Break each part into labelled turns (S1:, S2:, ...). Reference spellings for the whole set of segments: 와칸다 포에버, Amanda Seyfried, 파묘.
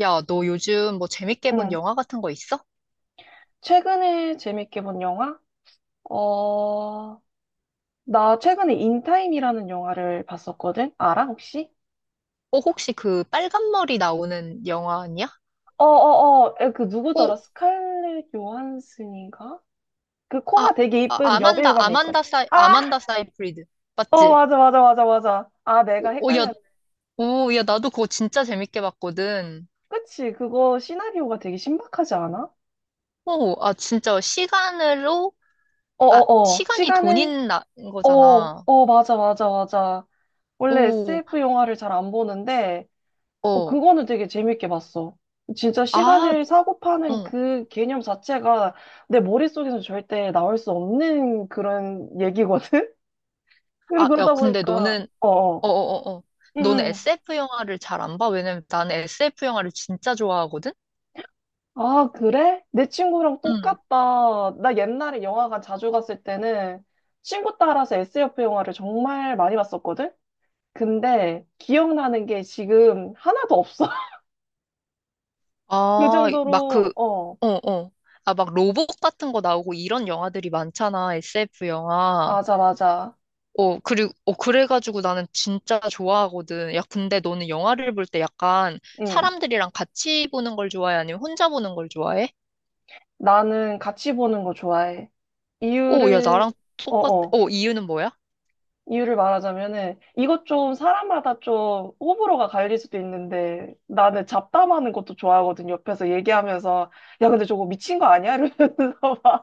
S1: 야, 너 요즘 뭐 재밌게 본
S2: 응.
S1: 영화 같은 거 있어?
S2: 최근에 재밌게 본 영화? 어, 나 최근에 인타임이라는 영화를 봤었거든? 알아, 혹시?
S1: 어, 혹시 그 빨간 머리 나오는 영화 아니야?
S2: 어 어 어, 그 누구더라?
S1: 어,
S2: 스칼렛 요한슨인가? 그
S1: 아,
S2: 코가 되게 이쁜 여배우감이 있거든. 아!
S1: 아만다 사이프리드.
S2: 어,
S1: 맞지?
S2: 맞아, 맞아, 맞아, 맞아. 아, 내가
S1: 오, 야,
S2: 헷갈렸네.
S1: 오, 야, 나도 그거 진짜 재밌게 봤거든.
S2: 그치, 그거 시나리오가 되게 신박하지 않아?
S1: 오, 아, 진짜 시간으로,
S2: 어
S1: 아,
S2: 어 어,
S1: 시간이
S2: 시간을,
S1: 돈인
S2: 어,
S1: 거잖아.
S2: 어, 맞아, 맞아, 맞아. 원래
S1: 오,
S2: SF 영화를 잘 안 보는데,
S1: 어,
S2: 그거는 되게 재밌게 봤어. 진짜
S1: 아,
S2: 시간을 사고 파는
S1: 응.
S2: 그 개념 자체가 내 머릿속에서 절대 나올 수 없는 그런 얘기거든? 그리고
S1: 아, 야,
S2: 그러다
S1: 근데
S2: 보니까,
S1: 너는,
S2: 어, 어.
S1: 어, 어, 어, 어.
S2: 응,
S1: 너는
S2: 응.
S1: SF 영화를 잘 안 봐? 왜냐면 나는 SF 영화를 진짜 좋아하거든?
S2: 아, 그래? 내 친구랑
S1: 응.
S2: 똑같다. 나 옛날에 영화관 자주 갔을 때는 친구 따라서 SF 영화를 정말 많이 봤었거든? 근데 기억나는 게 지금 하나도 없어. 그
S1: 아, 막
S2: 정도로,
S1: 그, 어, 어. 아, 막 로봇 같은 거 나오고 이런 영화들이 많잖아, SF 영화.
S2: 맞아, 맞아.
S1: 어, 그리고, 어, 그래가지고 나는 진짜 좋아하거든. 야, 근데 너는 영화를 볼 때 약간
S2: 응.
S1: 사람들이랑 같이 보는 걸 좋아해? 아니면 혼자 보는 걸 좋아해?
S2: 나는 같이 보는 거 좋아해.
S1: 어, 야,
S2: 이유를,
S1: 나랑 똑같,
S2: 어어,
S1: 어, 이유는 뭐야?
S2: 이유를 말하자면은, 이것 좀 사람마다 좀 호불호가 갈릴 수도 있는데, 나는 잡담하는 것도 좋아하거든. 옆에서 얘기하면서, 야, 근데 저거 미친 거 아니야? 이러면서 막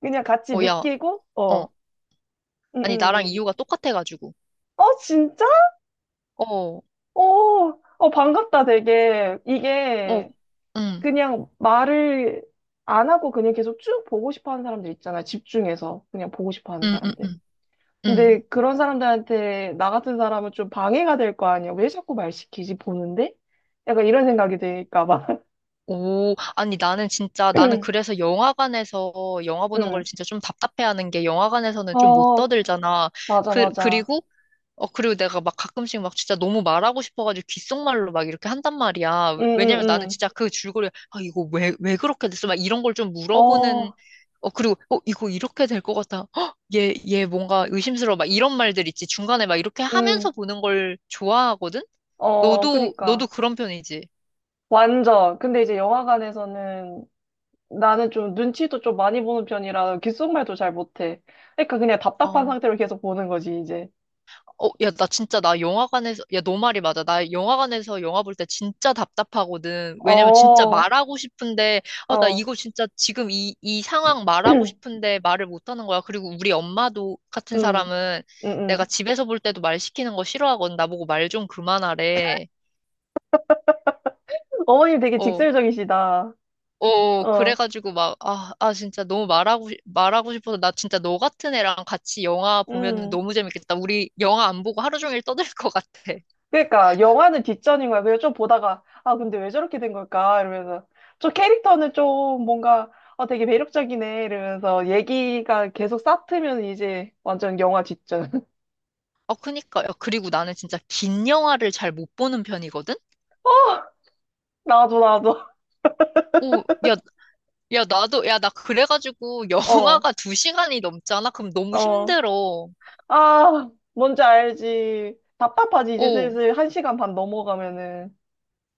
S2: 그냥 같이
S1: 어, 야,
S2: 느끼고,
S1: 어.
S2: 어, 응,
S1: 아니,
S2: 응,
S1: 나랑
S2: 네.
S1: 이유가 똑같아가지고.
S2: 어, 진짜?
S1: 어,
S2: 어, 어, 반갑다, 되게.
S1: 어,
S2: 이게,
S1: 음,
S2: 그냥 말을 안 하고 그냥 계속 쭉 보고 싶어 하는 사람들 있잖아. 집중해서. 그냥 보고 싶어 하는
S1: 음, 음,
S2: 사람들.
S1: 음, 음.
S2: 근데 그런 사람들한테 나 같은 사람은 좀 방해가 될 거 아니야. 왜 자꾸 말 시키지 보는데? 약간 이런 생각이 드니까 봐.
S1: 오, 아니 나는 진짜 나는 그래서 영화관에서 영화 보는
S2: 응.
S1: 걸 진짜 좀 답답해하는 게 영화관에서는 좀 못
S2: 어,
S1: 떠들잖아.
S2: 맞아,
S1: 그
S2: 맞아.
S1: 그리고 어 그리고 내가 막 가끔씩 막 진짜 너무 말하고 싶어가지고 귓속말로 막 이렇게 한단 말이야.
S2: 응,
S1: 왜냐면 나는
S2: 응,
S1: 진짜 그 줄거리 아 이거 왜 그렇게 됐어? 막 이런 걸 좀
S2: 응.
S1: 물어보는
S2: 어,
S1: 어 그리고 어 이거 이렇게 될 것 같아. 헉, 얘얘 뭔가 의심스러워. 막 이런 말들 있지. 중간에 막 이렇게
S2: 응.
S1: 하면서 보는 걸 좋아하거든.
S2: 어,
S1: 너도
S2: 그니까.
S1: 그런 편이지.
S2: 완전. 근데 이제 영화관에서는 나는 좀 눈치도 좀 많이 보는 편이라 귓속말도 잘 못해. 그러니까 그냥 답답한
S1: 아.
S2: 상태로 계속 보는 거지, 이제.
S1: 어, 야, 나 영화관에서, 야, 너 말이 맞아. 나 영화관에서 영화 볼 때 진짜 답답하거든.
S2: 어,
S1: 왜냐면 진짜
S2: 어.
S1: 말하고 싶은데, 아, 나 이거 진짜 지금 이 상황 말하고
S2: 응,
S1: 싶은데 말을 못 하는 거야. 그리고 우리 엄마도 같은
S2: 응,
S1: 사람은 내가
S2: 응.
S1: 집에서 볼 때도 말 시키는 거 싫어하거든. 나보고 말 좀 그만하래.
S2: 어머님 되게
S1: 어,
S2: 직설적이시다.
S1: 어,
S2: 어.
S1: 그래가지고 막, 아, 아, 진짜 너무 말하고, 말하고 싶어서 나 진짜 너 같은 애랑 같이 영화 보면
S2: 음.
S1: 너무 재밌겠다. 우리 영화 안 보고 하루 종일 떠들 것 같아.
S2: 그러니까 영화는 뒷전인 거야. 그래서 좀 보다가 아 근데 왜 저렇게 된 걸까 이러면서 저 캐릭터는 좀 뭔가 되게 매력적이네 이러면서 얘기가 계속 쌓트면 이제 완전 영화 뒷전.
S1: 어, 그니까. 요 그리고 나는 진짜 긴 영화를 잘 못 보는 편이거든?
S2: 나도 나도
S1: 오, 야, 야, 나도, 야, 나 그래가지고
S2: 어
S1: 영화가 두 시간이 넘잖아? 그럼 너무
S2: 어.
S1: 힘들어.
S2: 아 뭔지 알지. 답답하지 이제
S1: 오,
S2: 슬슬 1시간 반 넘어가면은.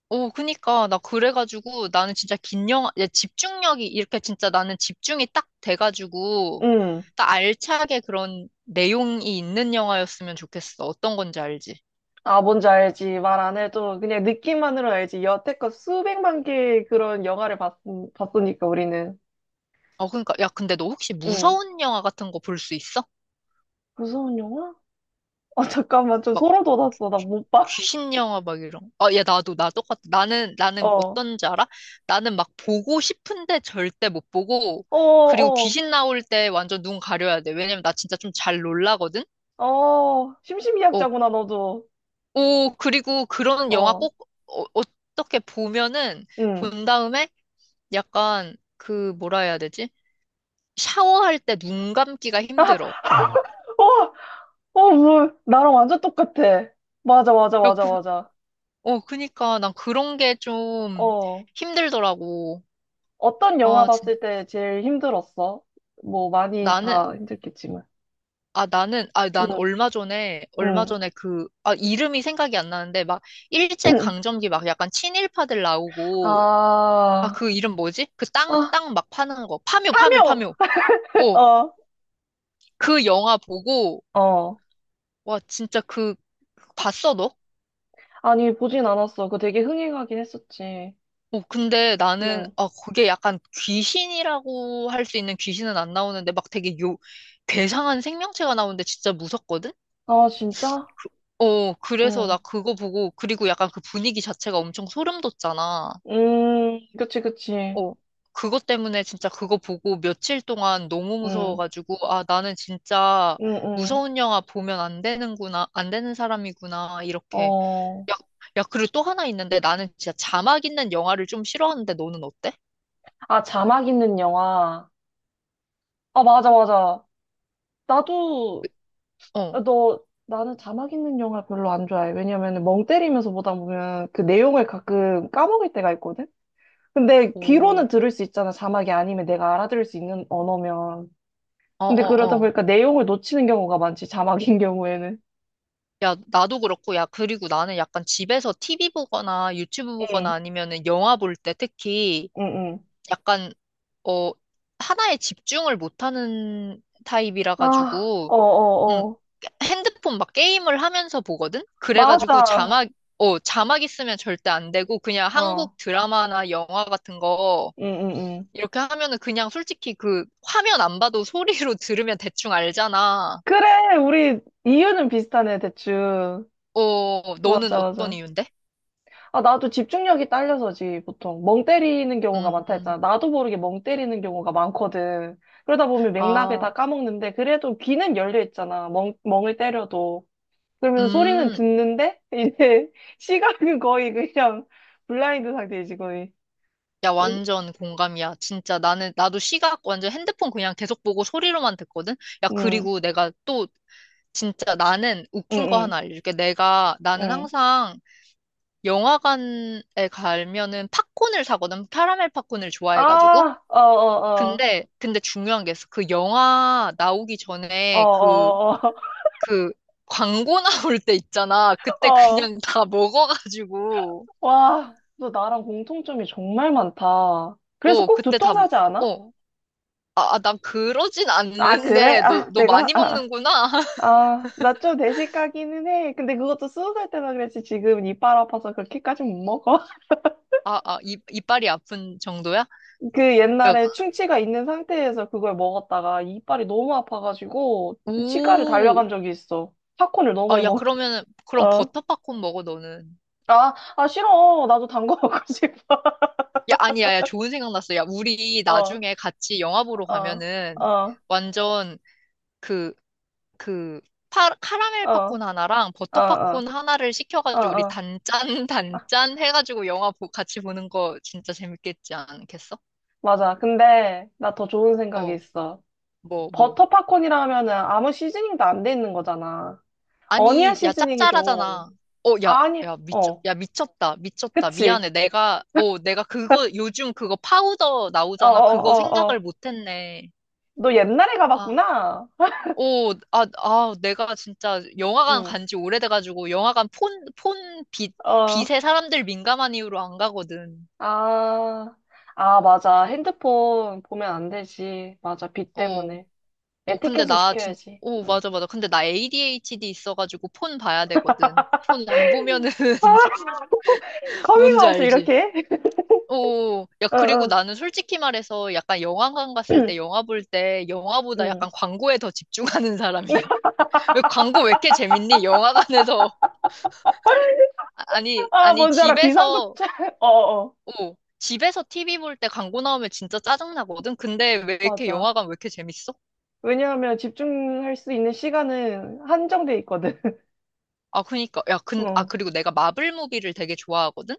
S1: 오, 그니까. 나 그래가지고 나는 진짜 긴 영화, 야, 집중력이 이렇게 진짜 나는 집중이 딱 돼가지고,
S2: 음.
S1: 딱 알차게 그런 내용이 있는 영화였으면 좋겠어. 어떤 건지 알지?
S2: 아 뭔지 알지. 말 안 해도 그냥 느낌만으로 알지. 여태껏 수백만 개의 그런 영화를 봤으니까 우리는.
S1: 어, 그니까. 야, 근데 너 혹시
S2: 음.
S1: 무서운 영화 같은 거 볼 수 있어?
S2: 무서운 영화? 아, 잠깐만, 좀
S1: 막
S2: 소름 돋았어. 나 못 봐.
S1: 귀신 영화 막 이런. 아, 야, 나도, 나 똑같아. 나는, 나는
S2: 어,
S1: 어떤지 알아? 나는 막 보고 싶은데 절대 못 보고,
S2: 어,
S1: 그리고
S2: 어,
S1: 귀신 나올 때 완전 눈 가려야 돼. 왜냐면 나 진짜 좀 잘 놀라거든?
S2: 어,
S1: 어,
S2: 심심이약자구나, 너도.
S1: 오, 그리고 그런 영화
S2: 어,
S1: 꼭, 어, 어떻게 보면은,
S2: 응.
S1: 본 다음에 약간, 그, 뭐라 해야 되지? 샤워할 때 눈 감기가
S2: 아,
S1: 힘들어.
S2: 아, 어, 어, 뭐, 나랑 완전 똑같아. 맞아, 맞아,
S1: 야,
S2: 맞아,
S1: 그,
S2: 맞아.
S1: 어, 그니까 난 그런 게 좀
S2: 어,
S1: 힘들더라고.
S2: 어떤 영화
S1: 아, 진,
S2: 봤을 때 제일 힘들었어? 뭐, 많이
S1: 나는,
S2: 다 힘들겠지만.
S1: 아,
S2: 응,
S1: 난 얼마 전에, 얼마
S2: 응.
S1: 전에 그, 아, 이름이 생각이 안 나는데, 막, 일제강점기 막 약간 친일파들 나오고, 아,
S2: 아,
S1: 그 이름 뭐지? 그 땅,
S2: 아,
S1: 땅 막 파는 거. 파묘, 파묘,
S2: 파묘!
S1: 파묘. 어,
S2: 어,
S1: 그 영화 보고,
S2: 어.
S1: 와, 진짜 그, 봤어, 너?
S2: 아니, 보진 않았어. 그거 되게 흥행하긴 했었지.
S1: 어, 근데
S2: 응
S1: 나는, 아, 그게 약간 귀신이라고 할 수 있는 귀신은 안 나오는데, 막 되게 요, 괴상한 생명체가 나오는데 진짜 무섭거든?
S2: 아, 진짜?
S1: 어, 그래서
S2: 응.
S1: 나 그거 보고, 그리고 약간 그 분위기 자체가 엄청 소름 돋잖아.
S2: 그치, 그치.
S1: 어, 그것 때문에 진짜 그거 보고 며칠 동안 너무
S2: 응,
S1: 무서워가지고, 아, 나는 진짜
S2: 응, 응.
S1: 무서운 영화 보면 안 되는구나, 안 되는 사람이구나, 이렇게.
S2: 어.
S1: 야, 야, 그리고 또 하나 있는데 나는 진짜 자막 있는 영화를 좀 싫어하는데 너는 어때?
S2: 아, 자막 있는 영화. 아, 맞아, 맞아. 나도,
S1: 어,
S2: 너, 나는 자막 있는 영화 별로 안 좋아해. 왜냐면 멍 때리면서 보다 보면 그 내용을 가끔 까먹을 때가 있거든? 근데 귀로는
S1: 오,
S2: 들을 수 있잖아. 자막이 아니면 내가 알아들을 수 있는 언어면.
S1: 어,
S2: 근데
S1: 어,
S2: 그러다
S1: 어.
S2: 보니까 내용을 놓치는 경우가 많지, 자막인 경우에는.
S1: 야, 나도 그렇고, 야, 그리고 나는 약간 집에서 TV 보거나 유튜브
S2: 응,
S1: 보거나 아니면은 영화 볼 때 특히
S2: 응, 응.
S1: 약간, 어, 하나에 집중을 못하는 타입이라
S2: 아,
S1: 가지고, 음,
S2: 어어어.
S1: 핸드폰 막 게임을 하면서 보거든? 그래가지고
S2: 맞아.
S1: 자막, 어, 자막 있으면 절대 안 되고 그냥 한국
S2: 어.
S1: 드라마나 영화 같은 거
S2: 응, 응, 응.
S1: 이렇게 하면은 그냥 솔직히 그 화면 안 봐도 소리로 들으면 대충 알잖아.
S2: 그래, 우리 이유는 비슷하네, 대충.
S1: 어, 너는
S2: 맞아,
S1: 어떤
S2: 맞아.
S1: 이유인데?
S2: 아, 나도 집중력이 딸려서지, 보통. 멍 때리는 경우가 많다
S1: 음,
S2: 했잖아. 나도 모르게 멍 때리는 경우가 많거든. 그러다 보면 맥락을
S1: 아,
S2: 다 까먹는데, 그래도 귀는 열려 있잖아. 멍을 때려도. 그러면 소리는
S1: 음.
S2: 듣는데, 이제 시각은 거의 그냥 블라인드 상태이지, 거의.
S1: 야,
S2: 응,
S1: 완전 공감이야. 진짜 나는, 나도 시각 완전 핸드폰 그냥 계속 보고 소리로만 듣거든? 야,
S2: 응,
S1: 그리고 내가 또 진짜 나는 웃긴 거 하나
S2: 응,
S1: 알려줄게. 내가, 나는
S2: 응.
S1: 항상 영화관에 가면은 팝콘을 사거든. 카라멜 팝콘을 좋아해가지고.
S2: 아, 어, 어, 어.
S1: 근데 중요한 게 있어. 그 영화 나오기
S2: 어,
S1: 전에 그,
S2: 어, 어,
S1: 그 광고 나올 때 있잖아.
S2: 어.
S1: 그때
S2: 어.
S1: 그냥 다 먹어가지고.
S2: 와, 너 나랑 공통점이 정말 많다. 그래서
S1: 어,
S2: 꼭
S1: 그때 다, 먹-
S2: 두통사지 않아?
S1: 어. 아, 아, 난 그러진
S2: 아, 그래?
S1: 않는데, 너,
S2: 아,
S1: 너
S2: 내가?
S1: 많이
S2: 아,
S1: 먹는구나.
S2: 아, 나 좀 내식 가기는 해. 근데 그것도 20살 때나 그랬지. 지금 이빨 아파서 그렇게까지 못 먹어.
S1: 아, 아, 입, 이빨이 아픈 정도야?
S2: 그
S1: 야,
S2: 옛날에 충치가 있는 상태에서 그걸 먹었다가 이빨이 너무 아파가지고 치과를
S1: 오,
S2: 달려간 적이 있어. 팝콘을 너무
S1: 아,
S2: 많이
S1: 야,
S2: 먹어.
S1: 그러면은, 그럼
S2: 어.
S1: 버터 팝콘 먹어, 너는.
S2: 아, 아, 싫어. 나도 단 거 먹고 싶어.
S1: 야, 아니야, 야, 좋은 생각 났어. 야, 우리
S2: 어,
S1: 나중에 같이 영화 보러
S2: 어,
S1: 가면은
S2: 어,
S1: 완전 그, 그, 파, 카라멜
S2: 어,
S1: 팝콘 하나랑
S2: 어,
S1: 버터
S2: 어,
S1: 팝콘 하나를
S2: 어,
S1: 시켜가지고 우리
S2: 어.
S1: 단짠,
S2: 어,
S1: 단짠 해가지고 영화 보, 같이 보는 거 진짜 재밌겠지 않겠어?
S2: 맞아. 근데 나 더 좋은 생각이
S1: 어,
S2: 있어.
S1: 뭐?
S2: 버터 팝콘이라 하면은 아무 시즈닝도 안 돼 있는 거잖아. 어니언
S1: 아니, 야,
S2: 시즈닝 해줘.
S1: 짭짤하잖아. 어, 야,
S2: 아니,
S1: 야, 미쳐,
S2: 어,
S1: 야, 미쳤다, 미쳤다.
S2: 그치.
S1: 미안해. 내가, 어, 내가 그거, 요즘 그거 파우더
S2: 어, 어,
S1: 나오잖아. 그거
S2: 어,
S1: 생각을
S2: 어.
S1: 못했네.
S2: 너 옛날에
S1: 아.
S2: 가봤구나.
S1: 오, 아, 아, 내가 진짜 영화관
S2: 응,
S1: 간지 오래돼가지고 영화관 폰,
S2: 어,
S1: 빛에 사람들 민감한 이유로 안 가거든.
S2: 아, 아, 맞아. 핸드폰 보면 안 되지. 맞아. 빛
S1: 어,
S2: 때문에.
S1: 어, 근데
S2: 에티켓은
S1: 나 진,
S2: 지켜야지.
S1: 오,
S2: 응.
S1: 맞아, 맞아. 근데 나 ADHD 있어가지고 폰 봐야 되거든. 폰 안 보면은 뭔지
S2: 커밍아웃을
S1: 알지?
S2: 이렇게 해?
S1: 오, 야,
S2: 어,
S1: 그리고
S2: 어.
S1: 나는 솔직히 말해서 약간 영화관 갔을 때 영화 볼 때 영화보다
S2: 응.
S1: 약간 광고에 더 집중하는 사람이야. 왜 광고 왜 이렇게 재밌니? 영화관에서. 아- 아니,
S2: 아,
S1: 아니,
S2: 뭔지 알아.
S1: 집에서
S2: 비상구차. 어, 어.
S1: 어, 집에서 TV 볼 때 광고 나오면 진짜 짜증나거든? 근데
S2: 맞아.
S1: 왜 이렇게 재밌어?
S2: 왜냐하면 집중할 수 있는 시간은 한정돼 있거든.
S1: 아, 그니까. 야, 근, 아,
S2: 어.
S1: 그리고 내가 마블 무비를 되게 좋아하거든?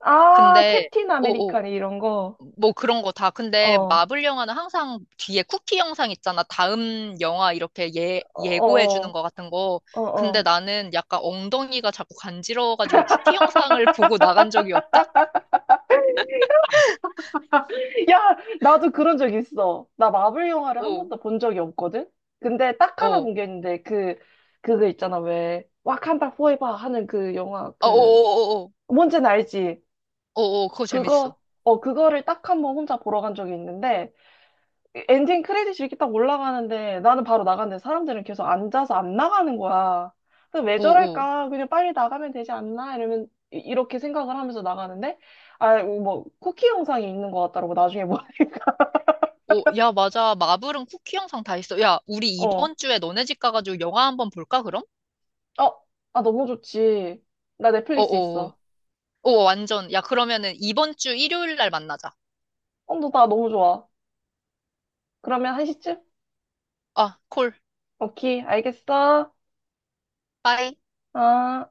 S2: 아,
S1: 근데,
S2: 캡틴
S1: 어, 어,
S2: 아메리칸 이런 거.
S1: 뭐 그런 거 다. 근데
S2: 어.
S1: 마블 영화는 항상 뒤에 쿠키 영상 있잖아. 다음 영화 이렇게 예,
S2: 어,
S1: 예고해 주는
S2: 어,
S1: 거 같은 거.
S2: 어,
S1: 근데
S2: 어.
S1: 나는 약간 엉덩이가 자꾸 간지러워가지고 쿠키 영상을 보고 나간 적이 없다?
S2: 야, 나도 그런 적 있어. 나 마블 영화를 한
S1: 어,
S2: 번도 본 적이 없거든? 근데 딱
S1: 어,
S2: 하나
S1: 어,
S2: 본 게 있는데, 그, 그거 있잖아, 왜. 와칸다 포에버 하는 그 영화,
S1: 어, 어,
S2: 그,
S1: 어, 어,
S2: 뭔지는 알지?
S1: 어, 어, 그거 재밌어.
S2: 그거, 그거를 딱 한번 혼자 보러 간 적이 있는데, 엔딩 크레딧이 이렇게 딱 올라가는데 나는 바로 나갔는데 사람들은 계속 앉아서 안 나가는 거야. 그래서 왜
S1: 어, 어.
S2: 저럴까? 그냥 빨리 나가면 되지 않나? 이러면 이렇게 생각을 하면서 나가는데 아, 뭐 쿠키 영상이 있는 것 같더라고 나중에 보니까.
S1: 오, 야, 맞아. 마블은 쿠키 영상 다 있어. 야, 우리
S2: 어.
S1: 이번 주에 너네 집 가가지고 영화 한번 볼까, 그럼?
S2: 어. 아 너무 좋지. 나
S1: 어어.
S2: 넷플릭스
S1: 어,
S2: 있어.
S1: 어, 어, 완전. 야, 그러면은 이번 주 일요일 날 만나자.
S2: 어, 너 나 너무 좋아. 그러면 1시쯤?
S1: 아, 콜.
S2: 오케이. 알겠어.
S1: 빠이.
S2: 아.